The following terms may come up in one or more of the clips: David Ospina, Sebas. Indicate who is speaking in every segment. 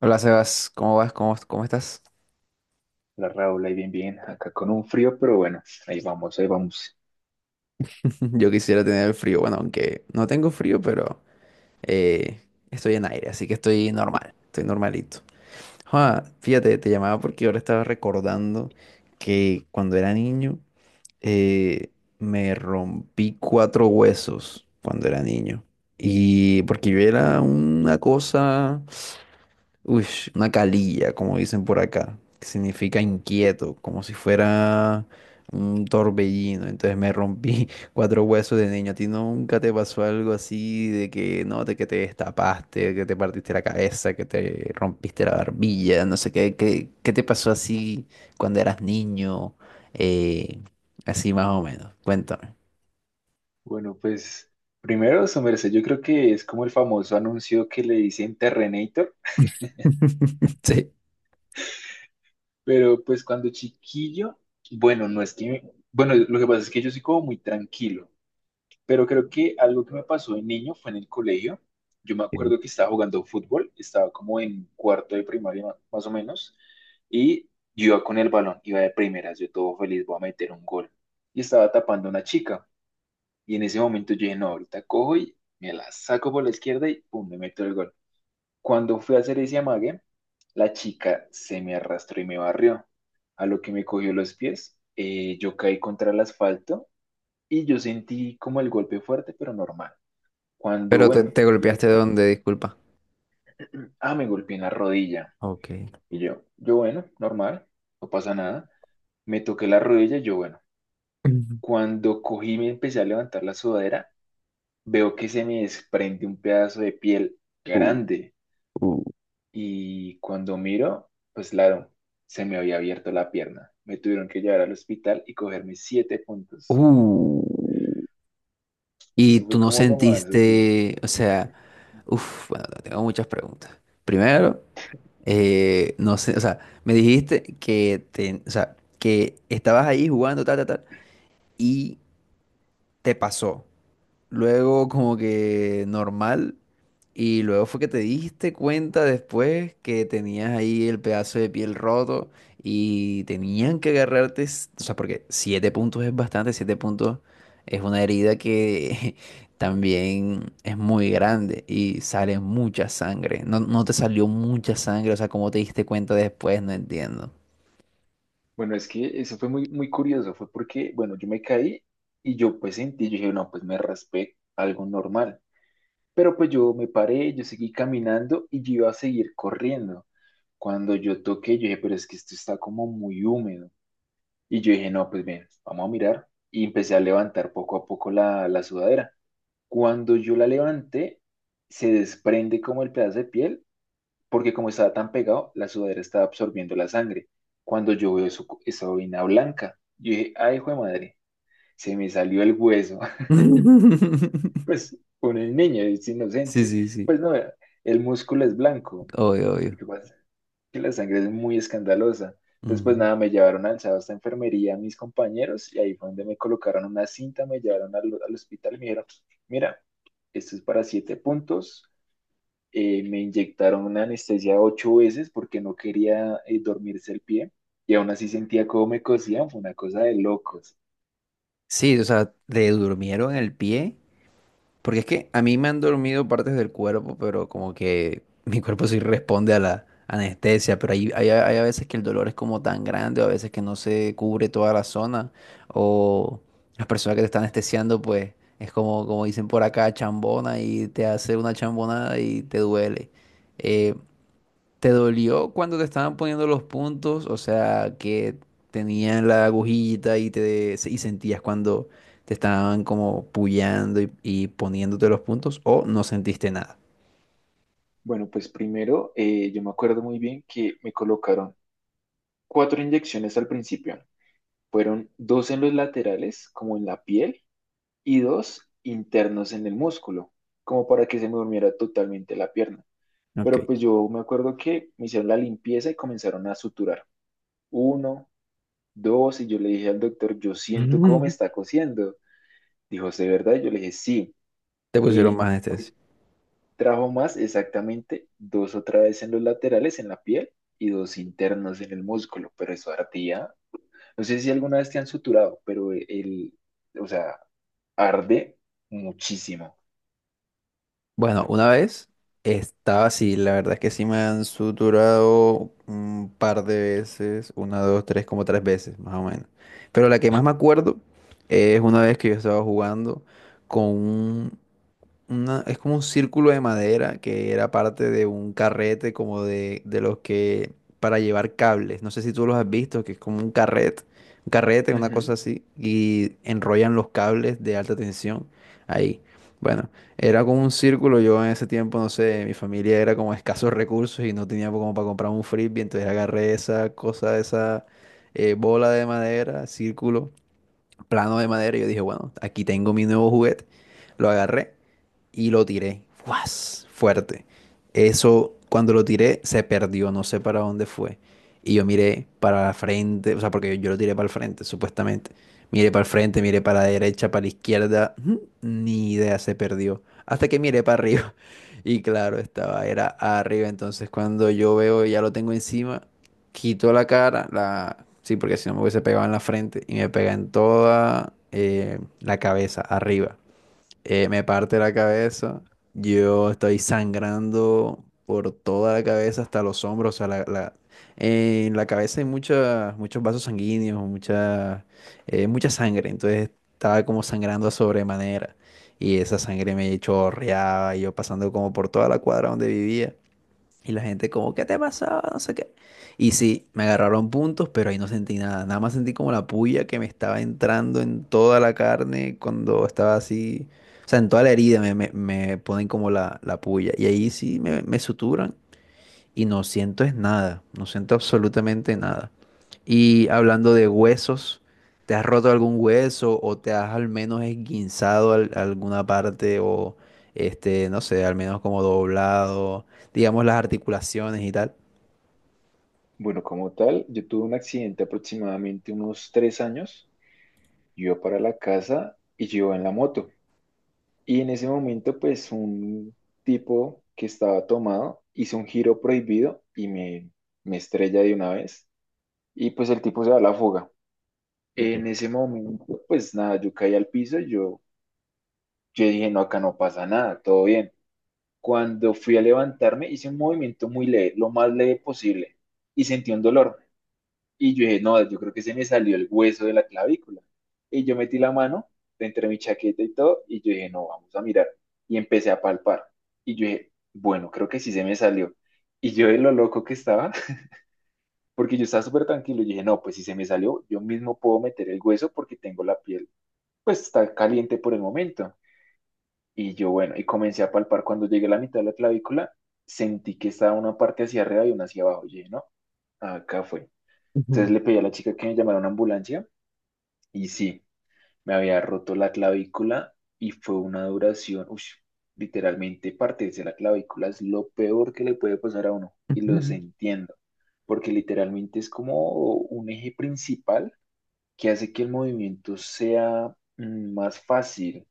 Speaker 1: Hola Sebas, ¿cómo vas? ¿Cómo estás?
Speaker 2: La Raúl, ahí bien, bien, acá con un frío, pero bueno, ahí vamos, ahí vamos.
Speaker 1: Yo quisiera tener el frío, bueno, aunque no tengo frío, pero eh, estoy en aire, así que estoy normal, estoy normalito. Ah, fíjate, te llamaba porque ahora estaba recordando que cuando era niño eh, me rompí cuatro huesos cuando era niño. Y porque yo era una cosa Uy, una calilla, como dicen por acá, que significa inquieto, como si fuera un torbellino. Entonces me rompí cuatro huesos de niño. ¿A ti nunca te pasó algo así de que no, de que te destapaste, que te partiste la cabeza, que te rompiste la barbilla, no sé qué, qué te pasó así cuando eras niño? Eh, Así más o menos. Cuéntame.
Speaker 2: Bueno, pues primero, su merced, yo creo que es como el famoso anuncio que le dicen Terrenator,
Speaker 1: Sí.
Speaker 2: pero pues cuando chiquillo, bueno, no es que, bueno, lo que pasa es que yo soy como muy tranquilo, pero creo que algo que me pasó de niño fue en el colegio. Yo me
Speaker 1: Ok.
Speaker 2: acuerdo que estaba jugando fútbol, estaba como en cuarto de primaria más o menos, y yo iba con el balón, iba de primeras, yo todo feliz, voy a meter un gol, y estaba tapando a una chica. Y en ese momento yo dije, no, ahorita cojo y me la saco por la izquierda y pum, me meto el gol. Cuando fui a hacer ese amague, la chica se me arrastró y me barrió. A lo que me cogió los pies, yo caí contra el asfalto y yo sentí como el golpe fuerte, pero normal. Cuando,
Speaker 1: Pero te,
Speaker 2: bueno,
Speaker 1: te
Speaker 2: yo me,
Speaker 1: golpeaste donde, disculpa.
Speaker 2: ah, me golpeé en la rodilla.
Speaker 1: Ok.
Speaker 2: Y yo bueno, normal, no pasa nada. Me toqué la rodilla, yo bueno. Cuando cogí y me empecé a levantar la sudadera, veo que se me desprende un pedazo de piel
Speaker 1: Ujú.
Speaker 2: grande
Speaker 1: Uh,
Speaker 2: y cuando miro, pues claro, se me había abierto la pierna. Me tuvieron que llevar al hospital y cogerme siete puntos.
Speaker 1: Uh, y
Speaker 2: Eso
Speaker 1: tú
Speaker 2: fue
Speaker 1: no
Speaker 2: como lo más así.
Speaker 1: sentiste, o sea, uff, bueno, tengo muchas preguntas. Primero, no sé, o sea, me dijiste que te, o sea, que estabas ahí jugando, tal, tal, tal, y te pasó luego como que normal, y luego fue que te diste cuenta después que tenías ahí el pedazo de piel roto y tenían que agarrarte, o sea, porque siete puntos es bastante, siete puntos es una herida que también es muy grande y sale mucha sangre. No, no te salió mucha sangre, o sea, ¿cómo te diste cuenta después? No entiendo.
Speaker 2: Bueno, es que eso fue muy, muy curioso, fue porque, bueno, yo me caí y yo pues sentí, yo dije, no, pues me raspé, algo normal. Pero pues yo me paré, yo seguí caminando y yo iba a seguir corriendo. Cuando yo toqué, yo dije, pero es que esto está como muy húmedo. Y yo dije, no, pues bien, vamos a mirar. Y empecé a levantar poco a poco la sudadera. Cuando yo la levanté, se desprende como el pedazo de piel, porque como estaba tan pegado, la sudadera estaba absorbiendo la sangre. Cuando yo veo eso, esa vaina blanca, yo dije, ay, hijo de madre, se me salió el hueso. Pues uno es niño, es
Speaker 1: Sí,
Speaker 2: inocente.
Speaker 1: sí, sí,
Speaker 2: Pues no, el músculo es blanco.
Speaker 1: obvio, obvio.
Speaker 2: ¿Qué pasa? Que la sangre es muy escandalosa. Entonces, pues
Speaker 1: Mm.
Speaker 2: nada, me llevaron alzados a enfermería mis compañeros y ahí fue donde me colocaron una cinta, me llevaron al hospital y me dijeron, mira, esto es para siete puntos. Me inyectaron una anestesia ocho veces porque no quería dormirse el pie y aún así sentía cómo me cosían, fue una cosa de locos.
Speaker 1: Sí, o sea, te durmieron el pie. Porque es que a mí me han dormido partes del cuerpo, pero como que mi cuerpo sí responde a la anestesia, pero hay a veces que el dolor es como tan grande, o a veces que no se cubre toda la zona, o las personas que te están anestesiando, pues es como, como dicen por acá, chambona y te hace una chambonada y te duele. Eh, ¿Te dolió cuando te estaban poniendo los puntos? O sea, que tenían la agujita y te y sentías cuando te estaban como puyando y poniéndote los puntos, o no sentiste nada.
Speaker 2: Bueno, pues primero, yo me acuerdo muy bien que me colocaron cuatro inyecciones al principio. Fueron dos en los laterales, como en la piel, y dos internos en el músculo, como para que se me durmiera totalmente la pierna.
Speaker 1: Ok.
Speaker 2: Pero pues yo me acuerdo que me hicieron la limpieza y comenzaron a suturar. Uno, dos, y yo le dije al doctor, yo siento cómo me está cosiendo. Dijo, ¿de verdad? Yo le dije, sí.
Speaker 1: Te pusieron
Speaker 2: Y
Speaker 1: más anestesia.
Speaker 2: trajo más exactamente dos otra vez en los laterales, en la piel, y dos internos en el músculo, pero eso ardía. No sé si alguna vez te han suturado, pero el, o sea, arde muchísimo.
Speaker 1: Bueno, una vez estaba así, la verdad es que sí me han suturado un par de veces, una, dos, tres, como tres veces, más o menos. Pero la que más me acuerdo es una vez que yo estaba jugando con un es como un círculo de madera que era parte de un carrete como de los que para llevar cables. No sé si tú los has visto, que es como un carrete, una cosa así, y enrollan los cables de alta tensión ahí. Bueno, era como un círculo. Yo en ese tiempo, no sé, mi familia era como escasos recursos y no tenía como para comprar un frisbee, entonces agarré esa cosa, esa bola de madera, círculo, plano de madera, y yo dije, bueno, aquí tengo mi nuevo juguete. Lo agarré y lo tiré. ¡Guas! Fuerte. Eso, cuando lo tiré, se perdió, no sé para dónde fue. Y yo miré para la frente, o sea, porque yo lo tiré para el frente, supuestamente. Miré para el frente, miré para la derecha, para la izquierda, ujú, ni idea, se perdió. Hasta que miré para arriba. Y claro, estaba, era arriba. Entonces, cuando yo veo, ya lo tengo encima, quito la cara, la... Sí, porque si no me hubiese pegado en la frente y me pega en toda la cabeza, arriba me parte la cabeza, yo estoy sangrando por toda la cabeza hasta los hombros, o sea, en la cabeza hay muchas, muchos vasos sanguíneos, mucha sangre, entonces estaba como sangrando a sobremanera y esa sangre me chorreaba y yo pasando como por toda la cuadra donde vivía. Y la gente como, ¿qué te pasó? No sé qué. Y sí, me agarraron puntos, pero ahí no sentí nada. Nada más sentí como la puya que me estaba entrando en toda la carne cuando estaba así. O sea, en toda la herida me ponen como la puya. Y ahí sí me suturan y no siento es nada, no siento absolutamente nada. Y hablando de huesos, ¿te has roto algún hueso o te has al menos esguinzado alguna parte o este, no sé, al menos como doblado, digamos las articulaciones y tal?
Speaker 2: Bueno, como tal, yo tuve un accidente aproximadamente unos 3 años. Yo iba para la casa y yo iba en la moto. Y en ese momento, pues un tipo que estaba tomado hizo un giro prohibido y me estrella de una vez. Y pues el tipo se da a la fuga.
Speaker 1: Ok.
Speaker 2: En ese momento, pues nada, yo caí al piso. Y yo dije, no, acá no pasa nada, todo bien. Cuando fui a levantarme, hice un movimiento muy leve, lo más leve posible. Y sentí un dolor. Y yo dije, no, yo creo que se me salió el hueso de la clavícula. Y yo metí la mano entre mi chaqueta y todo, y yo dije, no, vamos a mirar. Y empecé a palpar. Y yo dije, bueno, creo que sí se me salió. Y yo de lo loco que estaba, porque yo estaba súper tranquilo, y dije, no, pues si se me salió, yo mismo puedo meter el hueso porque tengo la piel, pues está caliente por el momento. Y yo, bueno, y comencé a palpar. Cuando llegué a la mitad de la clavícula, sentí que estaba una parte hacia arriba y una hacia abajo. Y dije, no, acá fue.
Speaker 1: Ujú,
Speaker 2: Entonces le pedí a la chica que me llamara a una ambulancia. Y sí, me había roto la clavícula y fue una duración, uy, literalmente partirse la clavícula es lo peor que le puede pasar a uno y los
Speaker 1: ujú.
Speaker 2: entiendo, porque literalmente es como un eje principal que hace que el movimiento sea más fácil,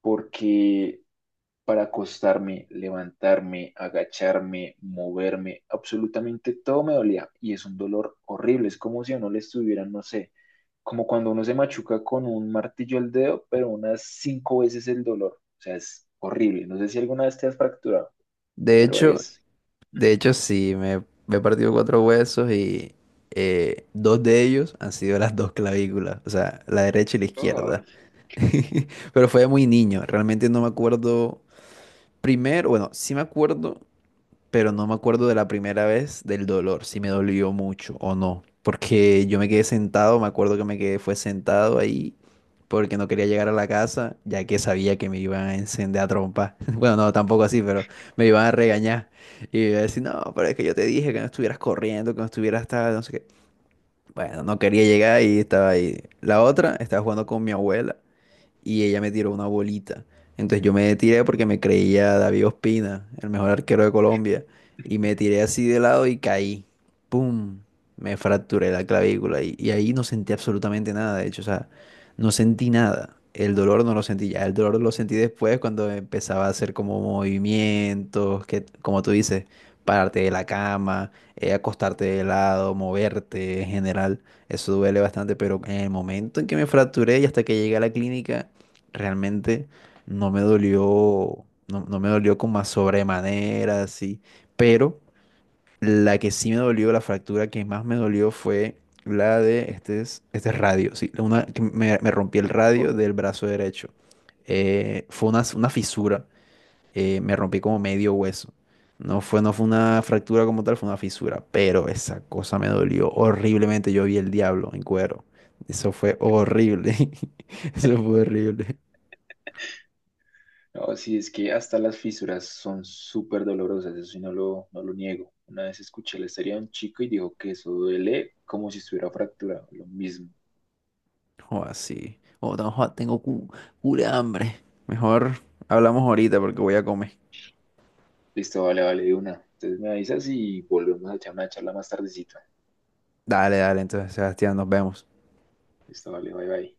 Speaker 2: porque para acostarme, levantarme, agacharme, moverme, absolutamente todo me dolía y es un dolor horrible, es como si a uno le estuvieran, no sé, como cuando uno se machuca con un martillo el dedo, pero unas cinco veces el dolor. O sea, es horrible. No sé si alguna vez te has fracturado,
Speaker 1: De
Speaker 2: pero
Speaker 1: hecho,
Speaker 2: es...
Speaker 1: de hecho sí, me he partido cuatro huesos y dos de ellos han sido las dos clavículas, o sea, la derecha y la
Speaker 2: Oh,
Speaker 1: izquierda. Pero fue muy niño, realmente no me acuerdo. Primero, bueno, sí me acuerdo, pero no me acuerdo de la primera vez del dolor, si me dolió mucho o no, porque yo me quedé sentado, me acuerdo que me quedé, fue sentado ahí, porque no quería llegar a la casa, ya que sabía que me iban a encender a trompa. Bueno, no, tampoco así, pero me iban a regañar. Y iba a decir, no, pero es que yo te dije que no estuvieras corriendo, que no estuvieras tal, no sé qué. Bueno, no quería llegar y estaba ahí. La otra, estaba jugando con mi abuela y ella me tiró una bolita. Entonces yo me tiré porque me creía David Ospina, el mejor arquero de Colombia, y me tiré así de lado y caí. ¡Pum! Me fracturé la clavícula y ahí no sentí absolutamente nada, de hecho, o sea, no sentí nada. El dolor no lo sentí ya, el dolor lo sentí después cuando empezaba a hacer como movimientos, que como tú dices, pararte de la cama, acostarte de lado, moverte en general. Eso duele bastante, pero en el momento en que me fracturé y hasta que llegué a la clínica, realmente no me dolió, no, no me dolió como a sobremanera, así, pero la que sí me dolió, la fractura que más me dolió fue la de este, este es radio, sí, una, que me rompí el
Speaker 2: oh.
Speaker 1: radio del brazo derecho. Fue una fisura, me rompí como medio hueso. No fue una fractura como tal, fue una fisura, pero esa cosa me dolió horriblemente. Yo vi el diablo en cuero. Eso fue horrible. Eso fue horrible.
Speaker 2: No, sí, es que hasta las fisuras son súper dolorosas, eso sí no lo niego. Una vez escuché la historia de un chico y dijo que eso duele como si estuviera fracturado, lo mismo.
Speaker 1: O así. O tengo cura de hambre. Mejor hablamos ahorita porque voy a comer.
Speaker 2: Listo, vale, vale, de una. Entonces me avisas y volvemos a echar una charla más tardecito.
Speaker 1: Dale, dale, entonces, Sebastián, nos vemos.
Speaker 2: Listo, vale, bye, bye.